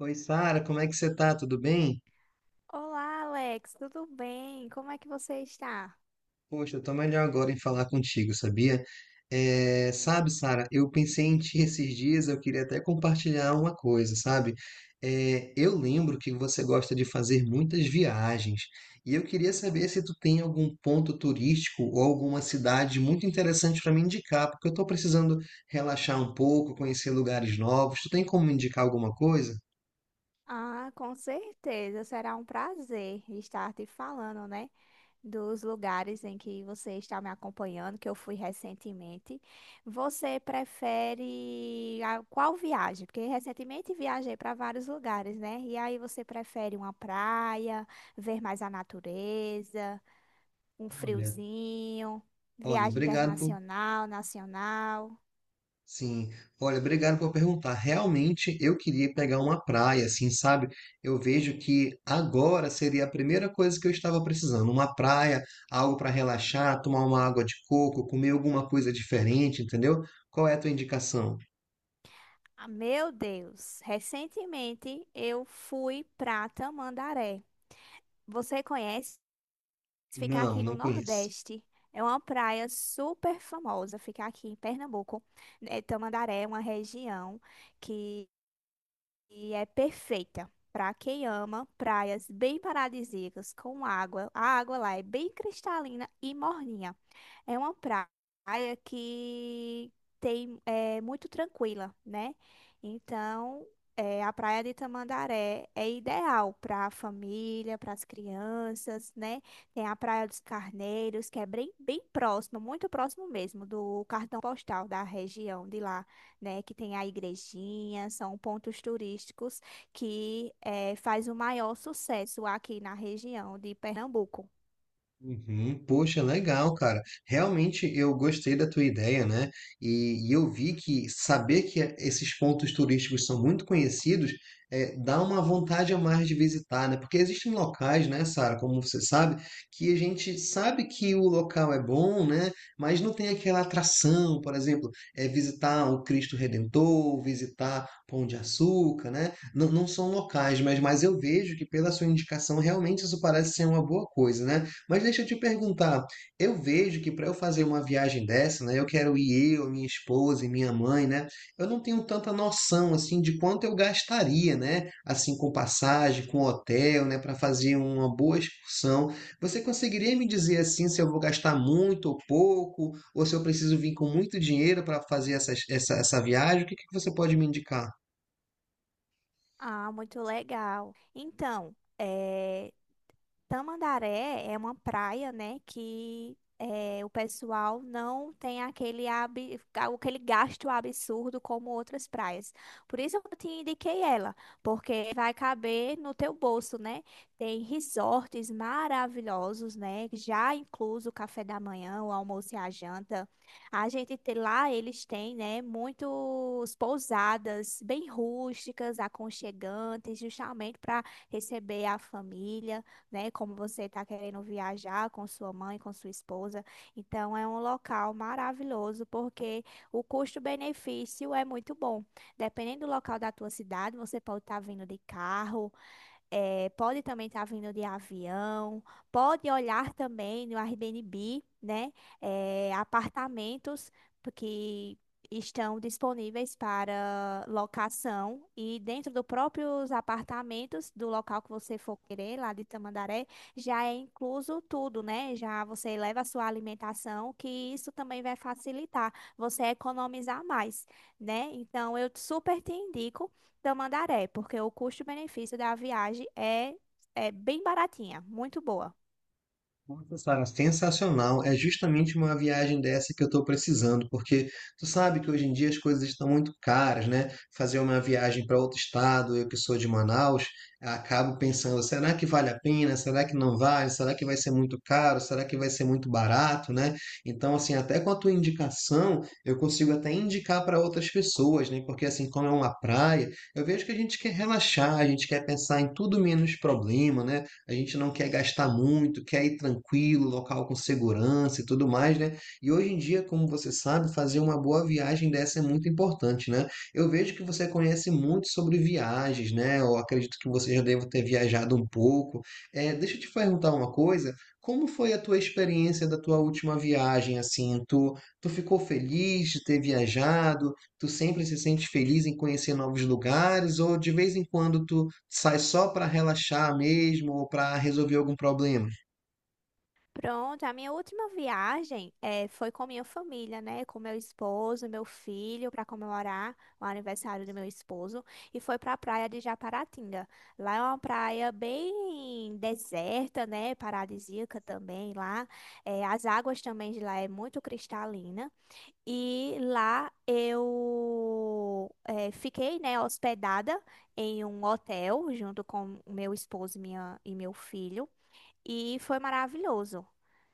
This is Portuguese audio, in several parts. Oi, Sara, como é que você tá? Tudo bem? Olá, Alex, tudo bem? Como é que você está? Poxa, eu tô melhor agora em falar contigo, sabia? Sabe, Sara, eu pensei em ti esses dias, eu queria até compartilhar uma coisa, sabe? Eu lembro que você gosta de fazer muitas viagens, e eu queria saber se tu tem algum ponto turístico ou alguma cidade muito interessante para me indicar, porque eu tô precisando relaxar um pouco, conhecer lugares novos. Tu tem como me indicar alguma coisa? Ah, com certeza, será um prazer estar te falando, né, dos lugares em que você está me acompanhando, que eu fui recentemente. Você prefere qual viagem? Porque recentemente viajei para vários lugares, né? E aí você prefere uma praia, ver mais a natureza, um Olha, friozinho, olha, viagem obrigado por internacional, nacional? Sim, olha, obrigado por perguntar. Realmente eu queria pegar uma praia, assim, sabe? Eu vejo que agora seria a primeira coisa que eu estava precisando, uma praia, algo para relaxar, tomar uma água de coco, comer alguma coisa diferente, entendeu? Qual é a tua indicação? Ah, meu Deus, recentemente eu fui pra Tamandaré. Você conhece? Ficar Não, aqui no não conheço. Nordeste. É uma praia super famosa, ficar aqui em Pernambuco. É, Tamandaré é uma região que e é perfeita para quem ama praias bem paradisíacas com água. A água lá é bem cristalina e morninha. É uma praia que tem é muito tranquila, né? Então, é, a praia de Tamandaré é ideal para a família, para as crianças, né? Tem a Praia dos Carneiros, que é bem, bem próximo, muito próximo mesmo do cartão postal da região de lá, né, que tem a igrejinha, são pontos turísticos que faz o maior sucesso aqui na região de Pernambuco. Uhum. Poxa, legal, cara. Realmente eu gostei da tua ideia, né? E eu vi que saber esses pontos turísticos são muito conhecidos, é, dá uma vontade a mais de visitar, né? Porque existem locais, né, Sara, como você sabe, que a gente sabe que o local é bom, né? Mas não tem aquela atração, por exemplo, é visitar o Cristo Redentor, visitar Pão de Açúcar, né? Não, não são locais, mas eu vejo que pela sua indicação realmente isso parece ser uma boa coisa, né? Mas deixa eu te perguntar, eu vejo que para eu fazer uma viagem dessa, né, eu quero ir eu, minha esposa e minha mãe, né? Eu não tenho tanta noção assim de quanto eu gastaria, né? Assim com passagem, com hotel, né, para fazer uma boa excursão. Você conseguiria me dizer assim se eu vou gastar muito ou pouco, ou se eu preciso vir com muito dinheiro para fazer essa viagem? O que que você pode me indicar? Ah, muito legal. Então, Tamandaré é uma praia, né, que o pessoal não tem aquele, aquele gasto absurdo como outras praias. Por isso eu te indiquei ela, porque vai caber no teu bolso, né? Tem resorts maravilhosos, né? Já incluso o café da manhã, o almoço e a janta. A gente tem lá, eles têm, né, muitos pousadas bem rústicas, aconchegantes, justamente para receber a família, né? Como você está querendo viajar com sua mãe, com sua esposa. Então, é um local maravilhoso porque o custo-benefício é muito bom. Dependendo do local da tua cidade, você pode estar vindo de carro, pode também estar vindo de avião, pode olhar também no Airbnb, né? Apartamentos que estão disponíveis para locação e dentro dos próprios apartamentos do local que você for querer, lá de Tamandaré, já é incluso tudo, né? Já você leva a sua alimentação, que isso também vai facilitar você economizar mais, né? Então, eu super te indico. Tamandaré, porque o custo-benefício da viagem é, é bem baratinha, muito boa. Nossa, Sara, sensacional. É justamente uma viagem dessa que eu estou precisando, porque tu sabe que hoje em dia as coisas estão muito caras, né? Fazer uma viagem para outro estado, eu que sou de Manaus, acabo pensando, será que vale a pena? Será que não vale? Será que vai ser muito caro? Será que vai ser muito barato, né? Então, assim, até com a tua indicação, eu consigo até indicar para outras pessoas, né? Porque assim, como é uma praia, eu vejo que a gente quer relaxar, a gente quer pensar em tudo menos problema, né? A gente não quer gastar muito, quer ir tranquilo, local com segurança e tudo mais, né? E hoje em dia, como você sabe, fazer uma boa viagem dessa é muito importante, né? Eu vejo que você conhece muito sobre viagens, né? Eu acredito que você já deva ter viajado um pouco. É, deixa eu te perguntar uma coisa. Como foi a tua experiência da tua última viagem, assim? Tu ficou feliz de ter viajado? Tu sempre se sente feliz em conhecer novos lugares? Ou de vez em quando tu sai só para relaxar mesmo ou para resolver algum problema? Pronto, a minha última viagem foi com minha família, né? Com meu esposo, meu filho, para comemorar o aniversário do meu esposo. E foi para a praia de Japaratinga. Lá é uma praia bem deserta, né? Paradisíaca também lá. As águas também de lá é muito cristalina. E lá eu fiquei, né, hospedada em um hotel junto com o meu esposo e minha, e meu filho e foi maravilhoso,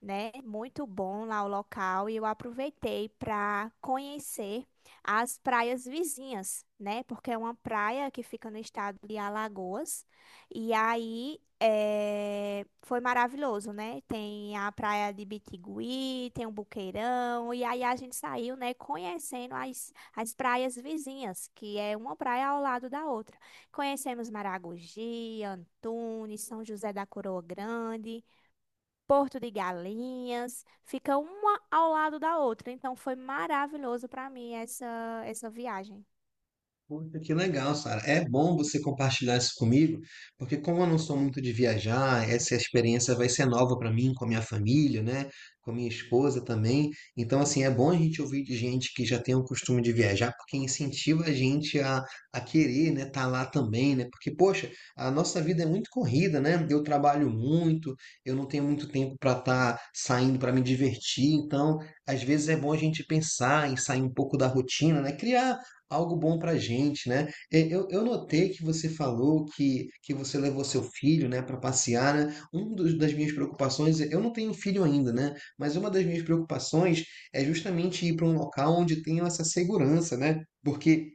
né? Muito bom lá o local e eu aproveitei para conhecer as praias vizinhas, né? Porque é uma praia que fica no estado de Alagoas e aí foi maravilhoso, né? Tem a praia de Bitigui, tem o Buqueirão e aí a gente saiu, né? Conhecendo as praias vizinhas, que é uma praia ao lado da outra. Conhecemos Maragogi, Antunes, São José da Coroa Grande, Porto de Galinhas. Fica uma ao lado da outra. Então foi maravilhoso para mim essa, essa viagem. Puxa, que legal, Sara. É bom você compartilhar isso comigo, porque como eu não sou muito de viajar, essa experiência vai ser nova para mim, com a minha família, né? Com a minha esposa também. Então, assim, é bom a gente ouvir de gente que já tem o costume de viajar, porque incentiva a gente a querer, né? Estar lá também, né? Porque, poxa, a nossa vida é muito corrida, né? Eu trabalho muito, eu não tenho muito tempo para estar saindo para me divertir. Então, às vezes é bom a gente pensar em sair um pouco da rotina, né? Criar algo bom para gente, né? E eu notei que você falou que você levou seu filho, né, para passear, né? Um dos, das minhas preocupações, eu não tenho filho ainda, né? Mas uma das minhas preocupações é justamente ir para um local onde tenha essa segurança, né? Porque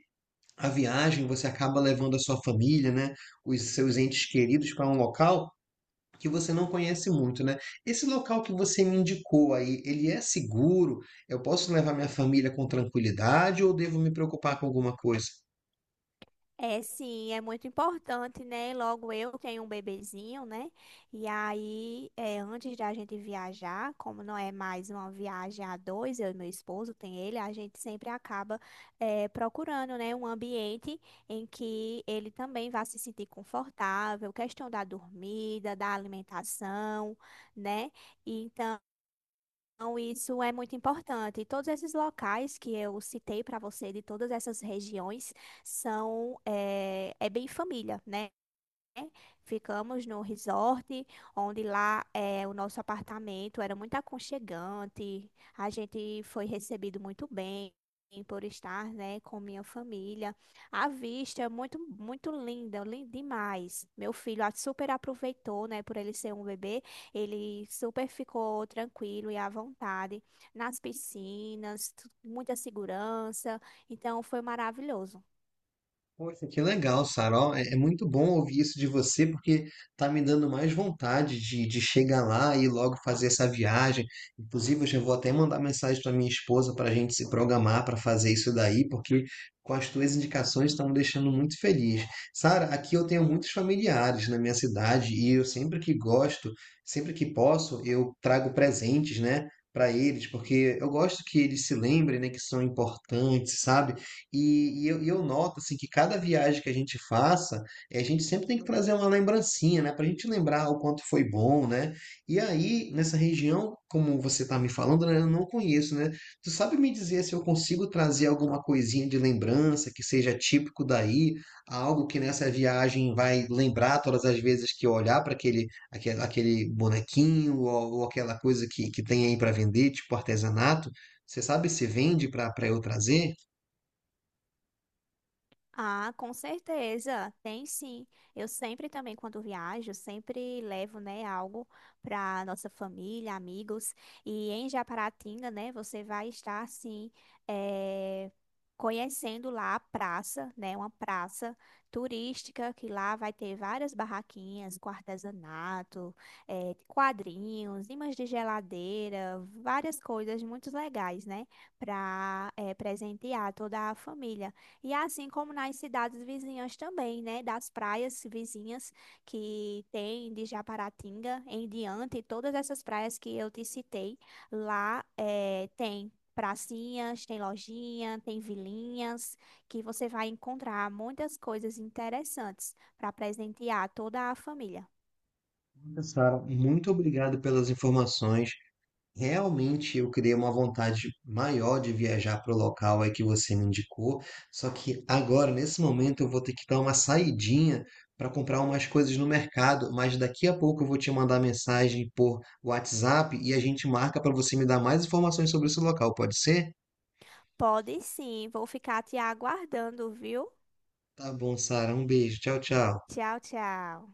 a viagem você acaba levando a sua família, né, os seus entes queridos para um local que você não conhece muito, né? Esse local que você me indicou aí, ele é seguro? Eu posso levar minha família com tranquilidade ou devo me preocupar com alguma coisa? É, sim, é muito importante, né? Logo eu tenho um bebezinho, né? E aí, é, antes de a gente viajar, como não é mais uma viagem a dois, eu e meu esposo, tem ele, a gente sempre acaba, é, procurando, né, um ambiente em que ele também vá se sentir confortável, questão da dormida, da alimentação, né? E então, isso é muito importante. Todos esses locais que eu citei para você, de todas essas regiões, são é, é bem família, né? Né? Ficamos no resort, onde lá é, o nosso apartamento era muito aconchegante. A gente foi recebido muito bem por estar, né, com minha família. A vista é muito, muito linda, linda demais. Meu filho super aproveitou, né, por ele ser um bebê. Ele super ficou tranquilo e à vontade nas piscinas, muita segurança. Então foi maravilhoso. Poxa, que legal, Sara. Ó, é é muito bom ouvir isso de você, porque tá me dando mais vontade de chegar lá e logo fazer essa viagem. Inclusive, eu já vou até mandar mensagem para minha esposa para a gente se programar para fazer isso daí, porque com as tuas indicações estão me deixando muito feliz. Sara, aqui eu tenho muitos familiares na minha cidade e eu sempre que gosto, sempre que posso, eu trago presentes, né? Para eles, porque eu gosto que eles se lembrem, né, que são importantes, sabe? E eu noto assim que cada viagem que a gente faça, a gente sempre tem que trazer uma lembrancinha, né? Para a gente lembrar o quanto foi bom, né? E aí, nessa região, como você está me falando, né, eu não conheço, né? Tu sabe me dizer se eu consigo trazer alguma coisinha de lembrança que seja típico daí, algo que nessa viagem vai lembrar todas as vezes que eu olhar para aquele bonequinho ou aquela coisa que tem aí para vender, tipo artesanato? Você sabe se vende para eu trazer? Ah, com certeza, tem sim. Eu sempre também, quando viajo, sempre levo, né, algo para nossa família, amigos. E em Japaratinga, né, você vai estar, assim, eh, conhecendo lá a praça, né, uma praça turística, que lá vai ter várias barraquinhas com artesanato, quadrinhos, imãs de geladeira, várias coisas muito legais, né, para presentear toda a família. E assim como nas cidades vizinhas também, né? Das praias vizinhas que tem de Japaratinga em diante, todas essas praias que eu te citei, lá tem pracinhas, tem lojinha, tem vilinhas, que você vai encontrar muitas coisas interessantes para presentear toda a família. Sara, muito obrigado pelas informações. Realmente eu criei uma vontade maior de viajar para o local aí que você me indicou, só que agora, nesse momento, eu vou ter que dar uma saidinha para comprar umas coisas no mercado, mas daqui a pouco eu vou te mandar mensagem por WhatsApp e a gente marca para você me dar mais informações sobre esse local, pode ser? Pode sim, vou ficar te aguardando, viu? Tá bom, Sara, um beijo. Tchau, tchau. Tchau, tchau.